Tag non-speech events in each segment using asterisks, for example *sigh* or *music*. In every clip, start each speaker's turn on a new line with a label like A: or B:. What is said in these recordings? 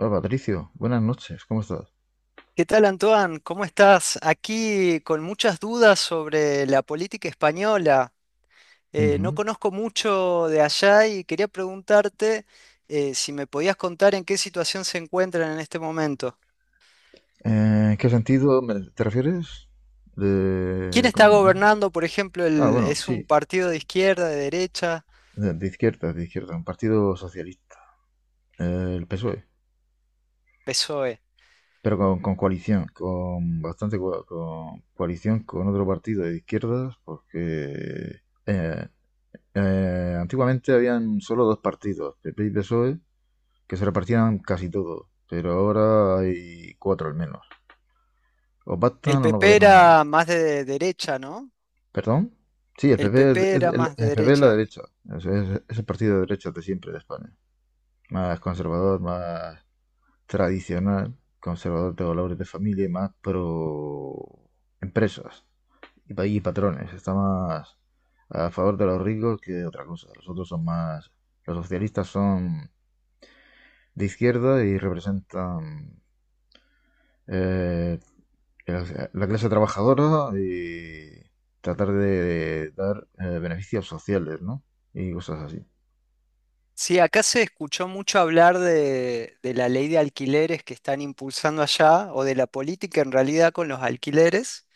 A: Hola Patricio, buenas noches, ¿cómo estás?
B: ¿Qué tal, Antoine? ¿Cómo estás? Aquí con muchas dudas sobre la política española. No
A: Ujú.
B: conozco mucho de allá y quería preguntarte si me podías contar en qué situación se encuentran en este momento.
A: ¿qué sentido te refieres?
B: ¿Quién
A: De, ¿cómo
B: está
A: se llama?
B: gobernando, por ejemplo,
A: Ah, bueno,
B: es un
A: sí,
B: partido de izquierda, de derecha?
A: de izquierda, de izquierda, un partido socialista, el PSOE,
B: PSOE.
A: pero con coalición, con bastante con coalición con otro partido de izquierdas, porque antiguamente habían solo dos partidos, PP y PSOE, que se repartían casi todo, pero ahora hay cuatro al menos. O
B: El
A: pactan o no
B: PP
A: gobierna nadie.
B: era más de derecha, ¿no?
A: ¿Perdón? Sí, el
B: El
A: PP es,
B: PP era
A: es-
B: más de
A: el, el PP es la
B: derecha.
A: derecha. Es el partido de derecha de siempre de España. Más conservador, más tradicional, conservador de valores de familia y más pro empresas y, y patrones. Está más a favor de los ricos que de otra cosa. Los otros son más. Los socialistas son de izquierda y representan, eh, la clase trabajadora y tratar de dar, beneficios sociales, ¿no? Y cosas así.
B: Sí, acá se escuchó mucho hablar de la ley de alquileres que están impulsando allá, o de la política en realidad con los alquileres,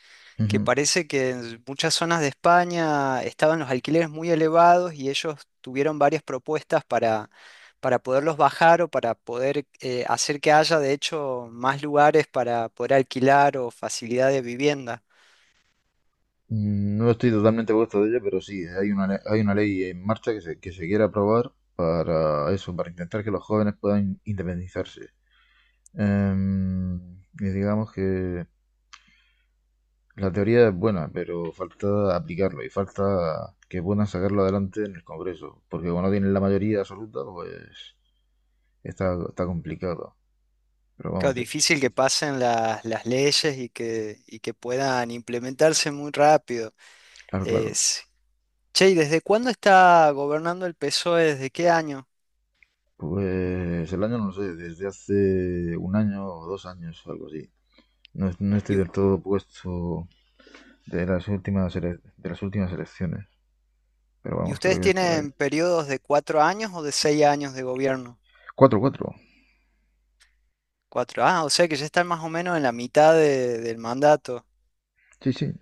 B: que
A: Ujú.
B: parece que en muchas zonas de España estaban los alquileres muy elevados y ellos tuvieron varias propuestas para poderlos bajar o para poder hacer que haya de hecho más lugares para poder alquilar o facilidad de vivienda.
A: No estoy totalmente puesto de ello, pero sí, hay hay una ley en marcha que se quiere aprobar para eso, para intentar que los jóvenes puedan independizarse. Em, y digamos que la teoría es buena, pero falta aplicarlo y falta que puedan sacarlo adelante en el Congreso, porque como no tienen la mayoría absoluta, pues está complicado. Pero
B: Claro,
A: vamos, sí, sí,
B: difícil que
A: sí.
B: pasen las leyes y que puedan implementarse muy rápido.
A: Claro,
B: Eh,
A: claro.
B: Che, ¿y desde cuándo está gobernando el PSOE? ¿Desde qué año?
A: Pues el año no lo sé, desde hace un año o dos años algo así. No estoy
B: ¿Y, u-
A: del todo puesto de de las últimas elecciones. Pero
B: y
A: vamos,
B: ustedes
A: creo que es por ahí.
B: tienen periodos de 4 años o de 6 años de gobierno?
A: Cuatro.
B: Cuatro. Ah, o sea que ya están más o menos en la mitad del mandato.
A: Sí, sí.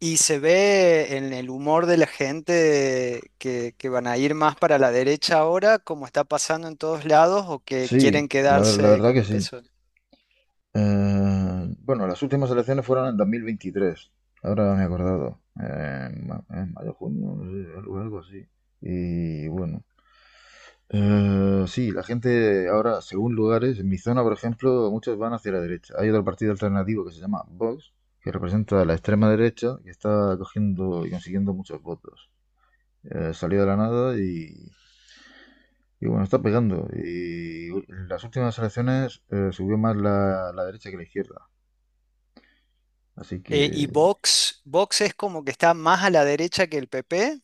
B: Y se ve en el humor de la gente que van a ir más para la derecha ahora, como está pasando en todos lados, o que quieren
A: La
B: quedarse
A: verdad
B: con
A: que
B: el
A: sí.
B: PSOE.
A: Bueno, las últimas elecciones fueron en 2023. Ahora me he acordado. En mayo, junio, no sé, algo, algo así. Y bueno, sí, la gente ahora, según lugares, en mi zona, por ejemplo, muchos van hacia la derecha. Hay otro partido alternativo que se llama Vox, que representa a la extrema derecha y está cogiendo y consiguiendo muchos votos. Salió de la nada y, y bueno, está pegando. Y en las últimas elecciones, subió más la derecha que la izquierda. Así
B: ¿Y
A: que
B: Vox? ¿Vox es como que está más a la derecha que el PP?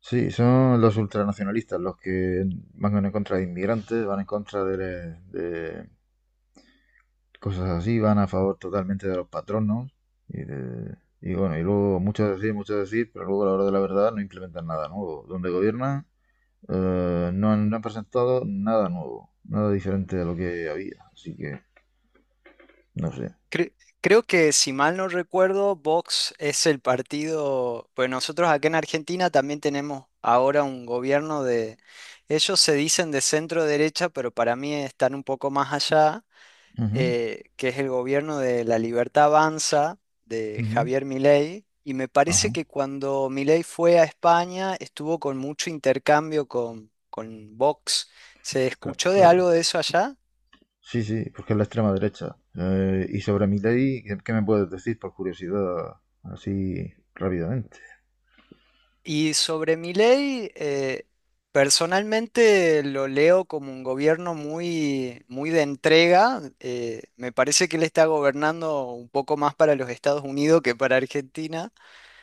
A: sí, son los ultranacionalistas los que van en contra de inmigrantes, van en contra de cosas así, van a favor totalmente de los patronos y de. Y bueno, y luego mucho decir, pero luego a la hora de la verdad no implementan nada nuevo. Donde gobiernan, no han presentado nada nuevo, nada diferente de lo que había. Así que no sé.
B: Cre- Creo que si mal no recuerdo, Vox es el partido, pues nosotros acá en Argentina también tenemos ahora un gobierno de, ellos se dicen de centro derecha, pero para mí están un poco más allá,
A: Ujú,
B: que es el gobierno de La Libertad Avanza de
A: ujú,
B: Javier Milei. Y me parece
A: ajá,
B: que cuando Milei fue a España estuvo con mucho intercambio con Vox. ¿Se
A: claro,
B: escuchó de
A: claro.
B: algo de eso allá?
A: Sí, sí, porque es la extrema derecha. Y sobre Milei, ¿ qué me puedes decir por curiosidad así rápidamente?
B: Y sobre Milei, personalmente lo leo como un gobierno muy, muy de entrega. Me parece que él está gobernando un poco más para los Estados Unidos que para Argentina.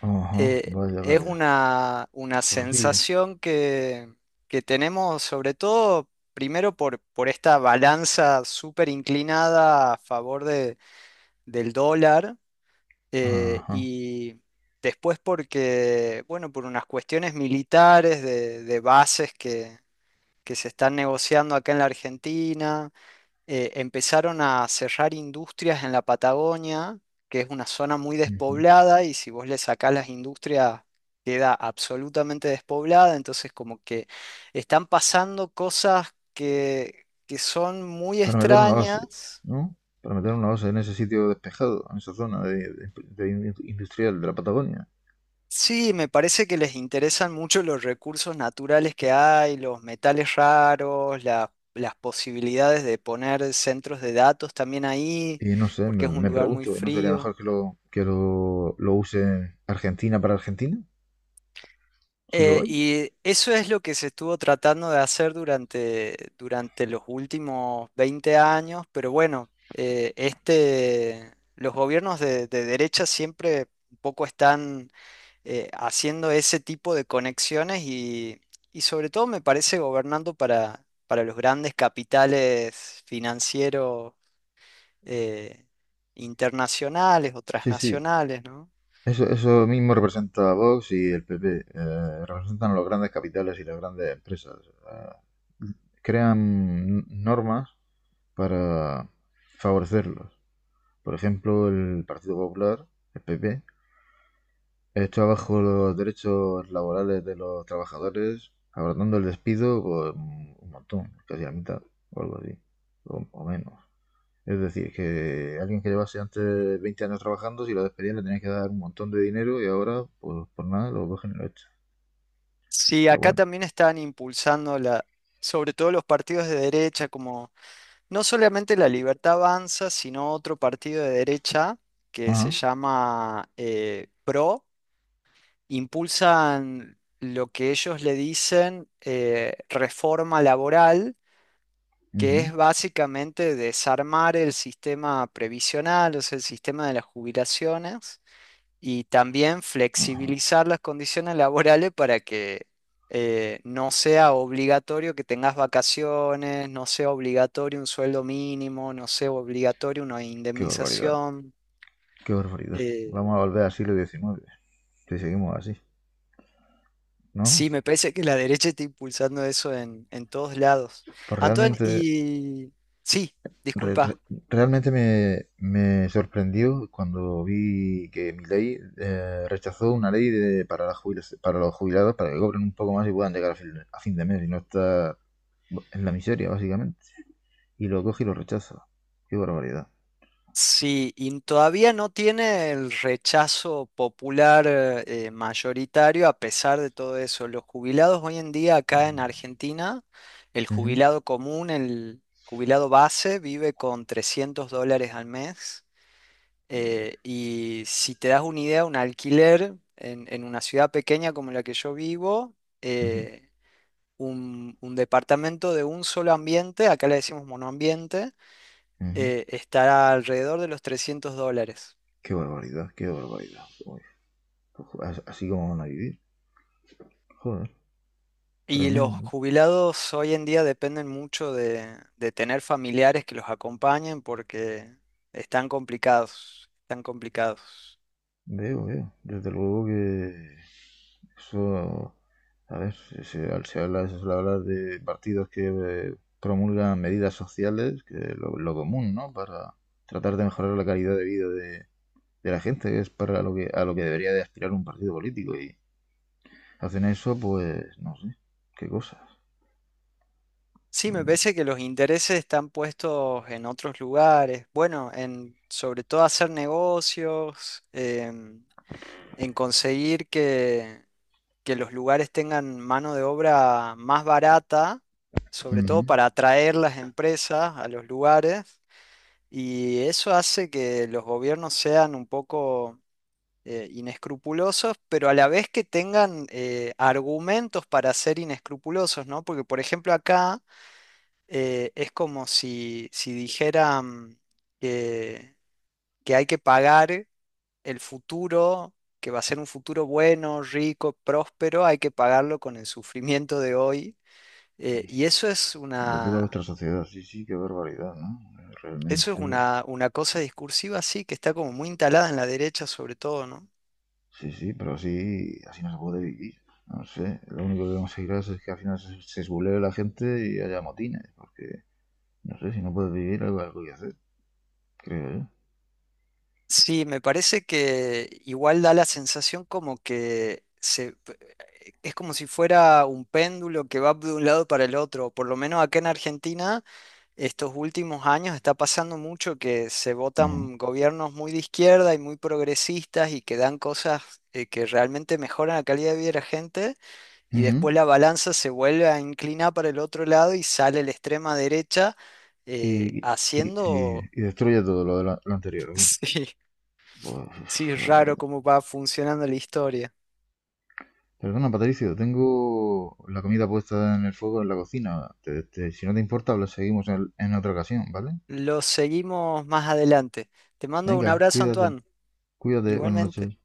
A: Ajá, vaya,
B: Es
A: vaya.
B: una
A: Horrible.
B: sensación que tenemos sobre todo, primero por esta balanza súper inclinada a favor del dólar eh,
A: Ajá.
B: y después porque, bueno, por unas cuestiones militares de bases que se están negociando acá en la Argentina, empezaron a cerrar industrias en la Patagonia, que es una zona muy
A: Ujú.
B: despoblada y si vos le sacás las industrias queda absolutamente despoblada, entonces como que están pasando cosas que son muy
A: Para meter una base,
B: extrañas.
A: ¿no? Para meter una base en ese sitio despejado, en esa zona de industrial de la Patagonia.
B: Sí, me parece que les interesan mucho los recursos naturales que hay, los metales raros, las posibilidades de poner centros de datos también ahí,
A: Y no sé,
B: porque es un
A: me
B: lugar muy
A: pregunto, ¿no sería
B: frío.
A: mejor que lo use Argentina para Argentina? Si lo hay.
B: Y eso es lo que se estuvo tratando de hacer durante los últimos 20 años, pero bueno, este, los gobiernos de derecha siempre un poco están haciendo ese tipo de conexiones y sobre todo me parece gobernando para los grandes capitales financieros eh, internacionales o
A: Sí, sí.
B: transnacionales, ¿no?
A: Eso mismo representa a Vox y el PP. Representan los grandes capitales y las grandes empresas. eh, Crean normas para favorecerlos. Por ejemplo, el Partido Popular, el PP, esto abajo los derechos laborales de los trabajadores, abordando el despido, pues un montón, casi la mitad, o algo así, o menos. Es decir, que alguien que llevase antes 20 años trabajando, si lo despedían le tenían que dar un montón de dinero y ahora, pues por nada, lo cogen y lo echan.
B: Sí,
A: Pero
B: acá
A: bueno.
B: también están impulsando la, sobre todo los partidos de derecha, como no solamente La Libertad Avanza, sino otro partido de derecha que se
A: Ajá,
B: llama PRO, impulsan lo que ellos le dicen reforma laboral, que
A: ujú,
B: es básicamente desarmar el sistema previsional, o sea, el sistema de las jubilaciones y también
A: ajá.
B: flexibilizar las condiciones laborales para que no sea obligatorio que tengas vacaciones, no sea obligatorio un sueldo mínimo, no sea obligatorio una
A: Qué barbaridad,
B: indemnización.
A: qué barbaridad.
B: Eh,
A: Vamos a volver al siglo XIX, si seguimos así, ¿no?
B: sí, me parece que la derecha está impulsando eso en todos lados.
A: Pues
B: Antoine,
A: realmente
B: y sí,
A: Re- re-
B: disculpa.
A: realmente me sorprendió cuando vi que Milei, rechazó una ley de, para, la jubila- para los jubilados para que cobren un poco más y puedan llegar a a fin de mes y no estar en la miseria, básicamente. Y lo coge y lo rechaza. Qué barbaridad.
B: Sí, y todavía no tiene el rechazo popular mayoritario a pesar de todo eso. Los jubilados hoy en día acá en
A: Mm.
B: Argentina, el
A: Ujú,
B: jubilado común, el jubilado base, vive con $300 al mes. Y si te das una idea, un alquiler en una ciudad pequeña como la que yo vivo,
A: ujú,
B: eh, un departamento de un solo ambiente, acá le decimos monoambiente,
A: ujú.
B: estará alrededor de los $300.
A: Qué barbaridad, qué barbaridad. Uy, pues, así como van a vivir. Joder,
B: Y los
A: tremendo.
B: jubilados hoy en día dependen mucho de tener familiares que los acompañen porque están complicados, están complicados.
A: Veo, veo. Desde luego que eso, a ver, se suele hablar de partidos que, promulgan medidas sociales, que es lo común, ¿no? Para tratar de mejorar la calidad de vida de la gente, que es para lo que, a lo que debería de aspirar un partido político. Y hacen eso, pues, no sé, qué cosas.
B: Sí, me parece que los intereses están puestos en otros lugares. Bueno, en sobre todo hacer negocios, en conseguir que los lugares tengan mano de obra más barata, sobre todo
A: Ujú.
B: para atraer las empresas a los lugares. Y eso hace que los gobiernos sean un poco inescrupulosos, pero a la vez que tengan argumentos para ser inescrupulosos, ¿no? Porque, por ejemplo, acá es como si, si dijeran que, que hay que pagar el futuro, que va a ser un futuro bueno, rico, próspero, hay que pagarlo con el sufrimiento de hoy. eh, y eso es
A: De toda
B: una
A: nuestra sociedad, sí, sí, qué barbaridad, ¿no?
B: Eso
A: Realmente.
B: es una cosa discursiva, sí, que está como muy instalada en la derecha sobre todo, ¿no?
A: Sí, sí, pero así, así no se puede vivir. No sé, lo único que conseguirás es que al final se esbulee la gente y haya motines, porque no sé, si no puedes vivir, algo, algo hay que hacer, creo yo.
B: Sí, me parece que igual da la sensación como que es como si fuera un péndulo que va de un lado para el otro. Por lo menos acá en Argentina, estos últimos años está pasando mucho que se
A: Ujú.
B: votan gobiernos muy de izquierda y muy progresistas y que dan cosas que realmente mejoran la calidad de vida de la gente. Y
A: Ujú.
B: después la balanza se vuelve a inclinar para el otro lado y sale la extrema derecha eh,
A: Y, y,
B: haciendo,
A: y destruye todo lo anterior, ¿o qué?
B: *laughs* sí,
A: Pues, uf,
B: sí,
A: qué
B: raro
A: barbaridad.
B: cómo va funcionando la historia.
A: Perdona, Patricio, tengo la comida puesta en el fuego en la cocina. Si no te importa, lo seguimos en otra ocasión, ¿vale?
B: Lo seguimos más adelante. Te mando un
A: Venga,
B: abrazo,
A: cuídate,
B: Antoine,
A: cuídate, buenas
B: igualmente.
A: noches.